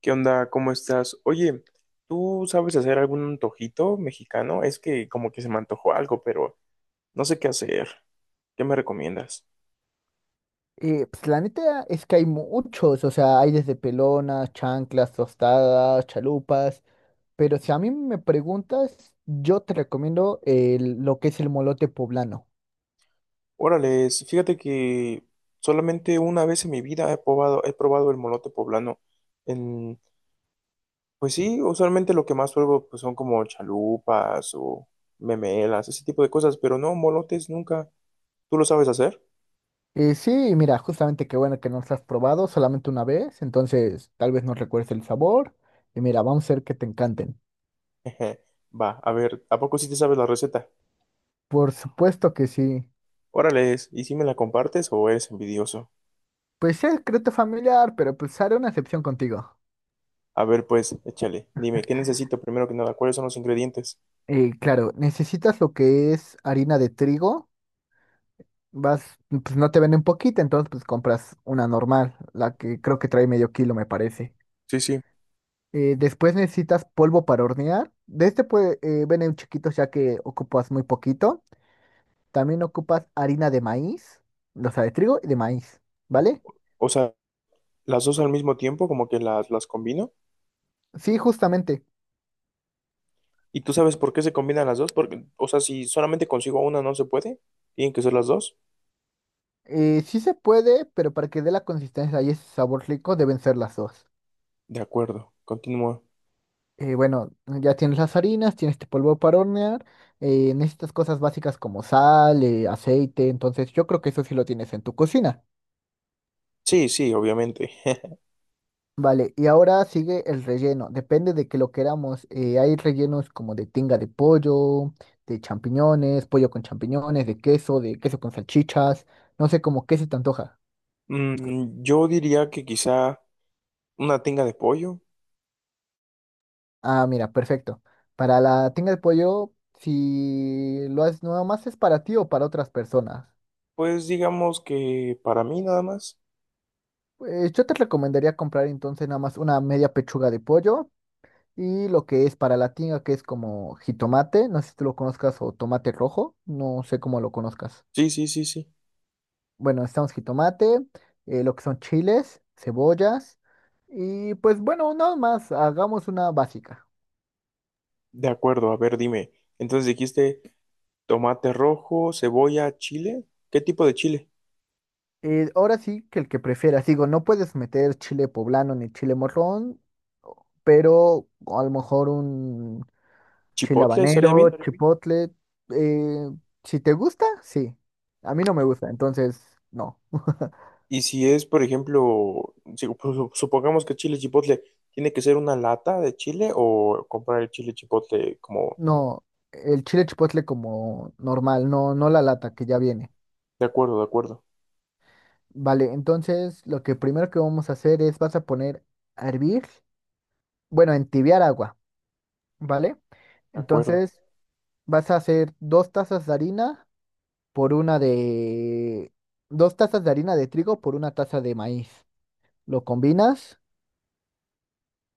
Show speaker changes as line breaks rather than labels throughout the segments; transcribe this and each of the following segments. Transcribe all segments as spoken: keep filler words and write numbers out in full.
¿Qué onda? ¿Cómo estás? Oye, ¿tú sabes hacer algún antojito mexicano? Es que como que se me antojó algo, pero no sé qué hacer. ¿Qué me recomiendas?
Eh, pues la neta es que hay muchos, o sea, hay desde pelonas, chanclas, tostadas, chalupas, pero si a mí me preguntas, yo te recomiendo el- lo que es el molote poblano.
Órale, fíjate que solamente una vez en mi vida he probado, he probado el molote poblano. En, pues sí, usualmente lo que más pruebo pues, son como chalupas o memelas, ese tipo de cosas, pero no, molotes nunca. ¿Tú lo sabes hacer?
Eh, sí, mira, justamente qué bueno que no lo has probado solamente una vez, entonces tal vez no recuerdes el sabor, y mira, vamos a ver que te encanten.
Va, a ver, ¿a poco sí te sabes la receta?
Por supuesto que sí.
Órale, ¿y si me la compartes o eres envidioso?
Pues es secreto familiar, pero pues haré una excepción contigo.
A ver, pues, échale. Dime, ¿qué necesito primero que nada? ¿Cuáles son los ingredientes?
Eh, claro, necesitas lo que es harina de trigo. Vas, pues no te venden poquita, entonces pues compras una normal, la que creo que trae medio kilo, me parece.
Sí, sí.
Eh, después necesitas polvo para hornear. De este puede, eh, venden chiquitos ya que ocupas muy poquito. También ocupas harina de maíz, o sea, de trigo y de maíz, ¿vale?
O sea, las dos al mismo tiempo, como que las, las combino.
Sí, justamente.
¿Y tú sabes por qué se combinan las dos? Porque, o sea, si solamente consigo una no se puede, tienen que ser las dos.
Eh, sí se puede, pero para que dé la consistencia y ese sabor rico deben ser las dos.
De acuerdo, continúa.
Eh, bueno, ya tienes las harinas, tienes este polvo para hornear, eh, necesitas cosas básicas como sal, eh, aceite, entonces yo creo que eso sí lo tienes en tu cocina.
Sí, sí, obviamente.
Vale, y ahora sigue el relleno, depende de que lo queramos, eh, hay rellenos como de tinga de pollo, de champiñones, pollo con champiñones, de queso, de queso con salchichas, no sé cómo qué se te antoja.
Mm, yo diría que quizá una tinga de pollo.
Ah, mira, perfecto. Para la tinga de pollo, si lo haces, nada más es para ti o para otras personas.
Pues digamos que para mí nada más.
Pues yo te recomendaría comprar entonces nada más una media pechuga de pollo y lo que es para la tinga, que es como jitomate, no sé si tú lo conozcas, o tomate rojo, no sé cómo lo conozcas.
Sí, sí, sí, sí.
Bueno, necesitamos jitomate, eh, lo que son chiles, cebollas y pues bueno, nada más, hagamos una básica.
De acuerdo, a ver, dime. Entonces dijiste tomate rojo, cebolla, chile. ¿Qué tipo de chile?
Eh, ahora sí que el que prefieras, digo, no puedes meter chile poblano ni chile morrón, pero a lo mejor un chile
Chipotle estaría
habanero,
bien.
sí, chipotle. eh, si te gusta, sí. A mí no me gusta, entonces no.
Y si es, por ejemplo, si- pues, supongamos que chile chipotle, ¿tiene que ser una lata de chile o comprar el chile chipotle como...
No, el chile chipotle como normal, no, no la lata que ya viene.
De acuerdo, de acuerdo,
Vale, entonces lo que primero que vamos a hacer es vas a poner a hervir, bueno, a entibiar agua, ¿vale?
de acuerdo.
Entonces vas a hacer dos tazas de harina por una de... Dos tazas de harina de trigo por una taza de maíz. Lo combinas.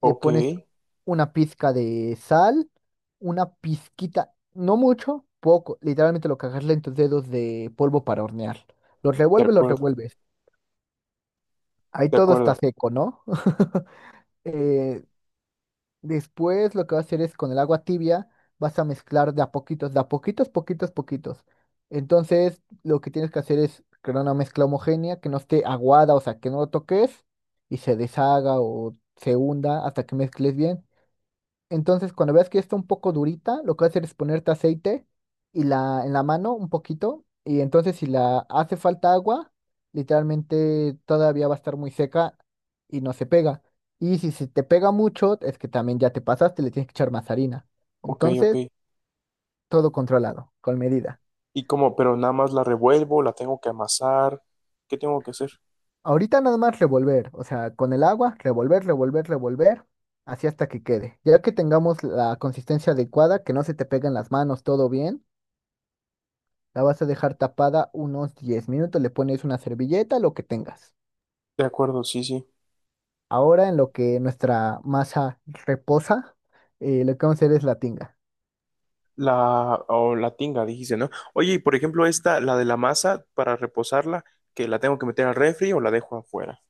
Le pones
de
una pizca de sal, una pizquita, no mucho, poco, literalmente lo que agarres en tus dedos de polvo para hornear. Los revuelves, los
acuerdo,
revuelves. Ahí
de
todo
acuerdo.
está seco, ¿no? Eh, Después lo que vas a hacer es con el agua tibia, vas a mezclar de a poquitos, de a poquitos, poquitos, poquitos. Entonces, lo que tienes que hacer es crear una mezcla homogénea que no esté aguada, o sea, que no lo toques y se deshaga o se hunda hasta que mezcles bien. Entonces, cuando veas que ya está un poco durita, lo que vas a hacer es ponerte aceite y la, en la mano un poquito. Y entonces, si la hace falta agua, literalmente todavía va a estar muy seca y no se pega. Y si se te pega mucho, es que también ya te pasaste, le tienes que echar más harina.
Ok,
Entonces,
ok.
todo controlado, con medida.
Y como, pero nada más la revuelvo, la tengo que amasar. ¿Qué tengo que hacer?
Ahorita nada más revolver, o sea, con el agua, revolver, revolver, revolver, así hasta que quede. Ya que tengamos la consistencia adecuada, que no se te peguen las manos, todo bien. La vas a dejar tapada unos diez minutos, le pones una servilleta, lo que tengas.
De acuerdo, sí, sí.
Ahora en lo que nuestra masa reposa, eh, lo que vamos a hacer es la tinga.
La, o la tinga, dijiste, ¿no? Oye, y por ejemplo, esta, la de la masa, para reposarla, que la tengo que meter al refri o la dejo afuera.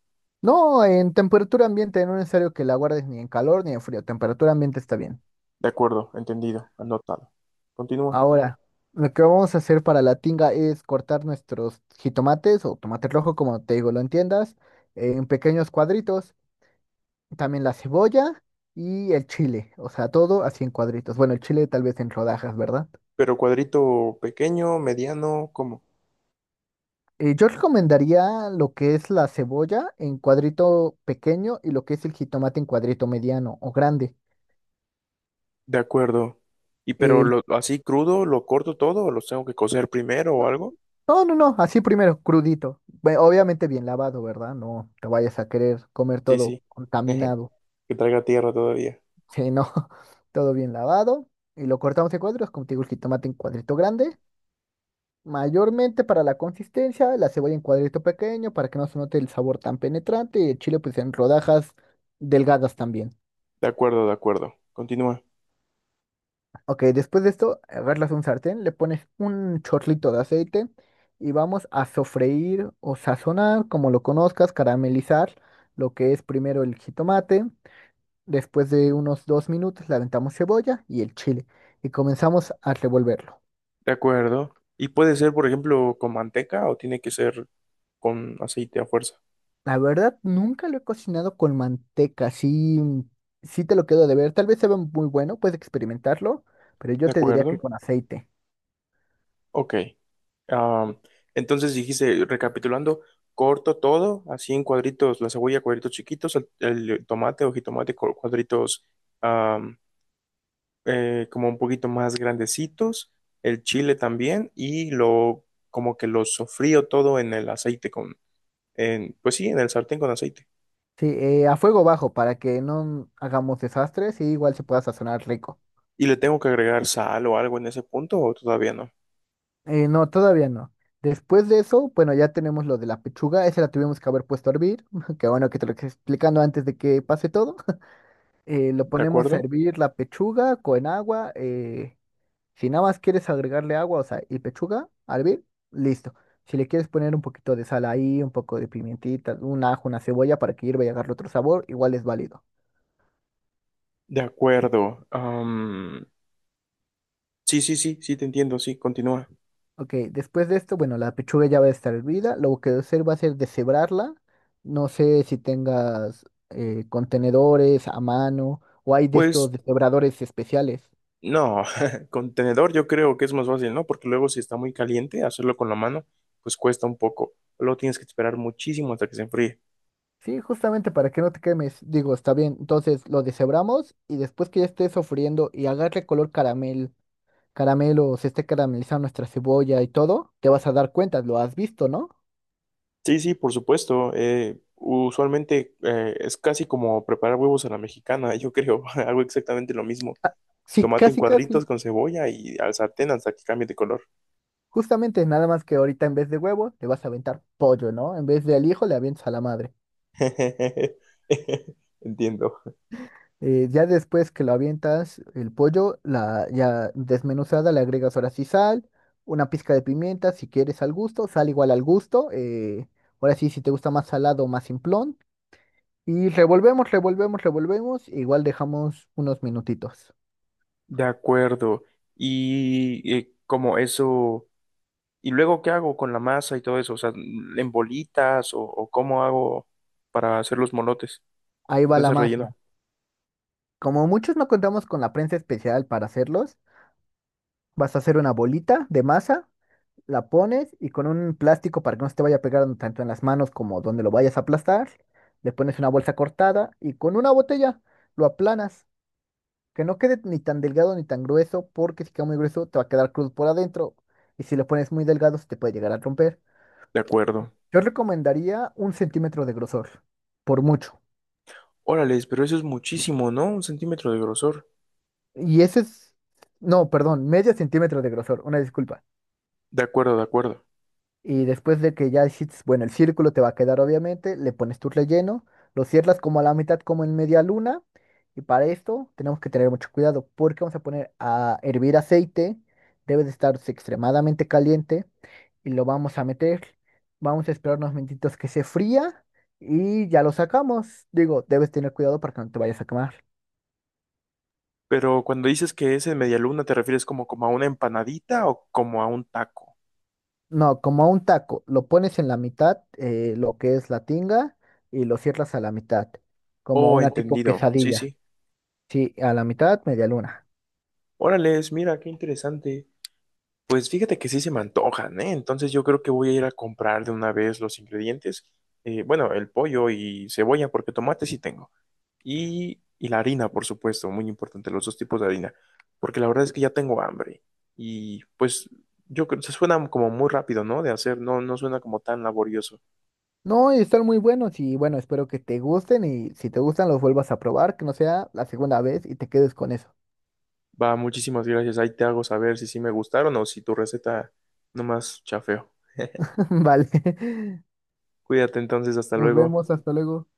No, en temperatura ambiente, no es necesario que la guardes ni en calor ni en frío, temperatura ambiente está bien.
De acuerdo, entendido, anotado. Continúa.
Ahora, lo que vamos a hacer para la tinga es cortar nuestros jitomates o tomate rojo, como te digo, lo entiendas, en pequeños cuadritos. También la cebolla y el chile, o sea, todo así en cuadritos. Bueno, el chile tal vez en rodajas, ¿verdad?
Pero cuadrito pequeño, mediano, ¿cómo?
Eh, yo recomendaría lo que es la cebolla en cuadrito pequeño y lo que es el jitomate en cuadrito mediano o grande.
De acuerdo. ¿Y pero
El-
lo, así crudo, lo corto todo o los tengo que cocer primero o
no,
algo?
no, no, no, así primero, crudito. Ve- Obviamente bien lavado, ¿verdad? No te vayas a querer comer
Sí,
todo
sí.
contaminado.
Que traiga tierra todavía.
Sí, no, todo bien lavado. Y lo cortamos en cuadros, como te digo, el jitomate en cuadrito grande. Mayormente para la consistencia, la cebolla en cuadrito pequeño para que no se note el sabor tan penetrante y el chile pues en rodajas delgadas también.
De acuerdo, de acuerdo. Continúa.
Ok, después de esto, agarras un sartén, le pones un chorlito de aceite y vamos a sofreír o sazonar, como lo conozcas, caramelizar lo que es primero el jitomate. Después de unos dos minutos le aventamos cebolla y el chile y comenzamos a revolverlo.
De acuerdo. ¿Y puede ser, por ejemplo, con manteca o tiene que ser con aceite a fuerza?
La verdad, nunca lo he cocinado con manteca, sí, sí te lo quedo de ver. Tal vez se ve muy bueno, puedes experimentarlo, pero yo
De
te diría que
acuerdo.
con aceite.
Ok. Ah, entonces dijiste, recapitulando, corto todo, así en cuadritos, la cebolla, cuadritos chiquitos, el, el tomate o jitomate, cu- cuadritos am, eh, como un poquito más grandecitos, el chile también, y lo como que lo sofrío todo en el aceite con, en, pues sí, en el sartén con aceite.
Sí, eh, a fuego bajo para que no hagamos desastres y igual se pueda sazonar rico.
Y le tengo que agregar sal o algo en ese punto, o todavía no,
Eh, no, todavía no. Después de eso, bueno, ya tenemos lo de la pechuga, esa la tuvimos que haber puesto a hervir, que bueno que te lo estoy explicando antes de que pase todo. Eh, lo
¿de
ponemos a
acuerdo?
hervir la pechuga con agua. Eh, si nada más quieres agregarle agua, o sea, y pechuga a hervir, listo. Si le quieres poner un poquito de sal ahí, un poco de pimientita, un ajo, una cebolla para que hierva y agarre otro sabor, igual es válido.
De acuerdo. Am, sí, sí, sí, sí, te entiendo, sí, continúa.
Ok, después de esto, bueno, la pechuga ya va a estar hervida. Lo que voy a hacer va a ser deshebrarla. No sé si tengas eh, contenedores a mano o hay de estos
Pues
deshebradores especiales.
no, con tenedor yo creo que es más fácil, ¿no? Porque luego si está muy caliente, hacerlo con la mano, pues cuesta un poco. Luego tienes que esperar muchísimo hasta que se enfríe.
Sí, justamente para que no te quemes. Digo, está bien. Entonces lo deshebramos y después que ya esté sofriendo y agarre color caramel, caramelo, se esté caramelizando nuestra cebolla y todo, te vas a dar cuenta, lo has visto, ¿no?
Sí, sí, por supuesto. Eh, usualmente eh, es casi como preparar huevos a la mexicana, yo creo. Hago exactamente lo mismo.
Sí,
Tomate en
casi,
cuadritos
casi.
con cebolla y al sartén hasta que cambie de color.
Justamente, nada más que ahorita en vez de huevo, le vas a aventar pollo, ¿no? En vez de al hijo, le avientas a la madre.
Entiendo.
Eh, ya después que lo avientas, el pollo, la ya desmenuzada, le agregas ahora sí sal, una pizca de pimienta, si quieres al gusto, sal igual al gusto. Eh, ahora sí, si te gusta más salado o más simplón. Y revolvemos, revolvemos, revolvemos. Igual dejamos unos minutitos.
De acuerdo. Y eh, como eso... ¿Y luego qué hago con la masa y todo eso? O sea, ¿en bolitas o, o cómo hago para hacer los molotes
Ahí va
con
la
ese
magia.
relleno?
Como muchos no contamos con la prensa especial para hacerlos, vas a hacer una bolita de masa la pones y con un plástico para que no se te vaya pegando tanto en las manos como donde lo vayas a aplastar, le pones una bolsa cortada y con una botella lo aplanas, que no quede ni tan delgado ni tan grueso, porque si queda muy grueso te va a quedar cruz por adentro y si lo pones muy delgado se te puede llegar a romper.
De acuerdo.
Yo recomendaría un centímetro de grosor, por mucho.
Órales, pero eso es muchísimo, ¿no? Un centímetro de grosor.
Y ese es, no, perdón, medio centímetro de grosor, una disculpa.
De acuerdo, de acuerdo.
Y después de que ya hiciste, bueno, el círculo te va a quedar obviamente, le pones tu relleno, lo cierras como a la mitad, como en media luna. Y para esto tenemos que tener mucho cuidado porque vamos a poner a hervir aceite, debe de estar extremadamente caliente y lo vamos a meter. Vamos a esperar unos minutitos que se fría y ya lo sacamos. Digo, debes tener cuidado para que no te vayas a quemar.
Pero cuando dices que es en media luna, ¿te refieres como, como a una empanadita o como a un taco?
No, como a un taco, lo pones en la mitad, eh, lo que es la tinga, y lo cierras a la mitad, como
Oh,
una tipo Ok.
entendido. Sí,
quesadilla.
sí.
Sí, a la mitad, media luna.
Órales, mira, qué interesante. Pues fíjate que sí se me antojan, ¿eh? Entonces yo creo que voy a ir a comprar de una vez los ingredientes. Eh, bueno, el pollo y cebolla, porque tomate sí tengo. Y, y la harina, por supuesto, muy importante, los dos tipos de harina, porque la verdad es que ya tengo hambre. Y pues yo creo se suena como muy rápido, ¿no? De hacer, no, no suena como tan laborioso.
No, y están muy buenos y bueno, espero que te gusten y si te gustan los vuelvas a probar, que no sea la segunda vez y te quedes con eso.
Va, muchísimas gracias. Ahí te hago saber si sí me gustaron o si tu receta nomás chafeo.
Vale.
Cuídate entonces, hasta
Nos
luego.
vemos, hasta luego.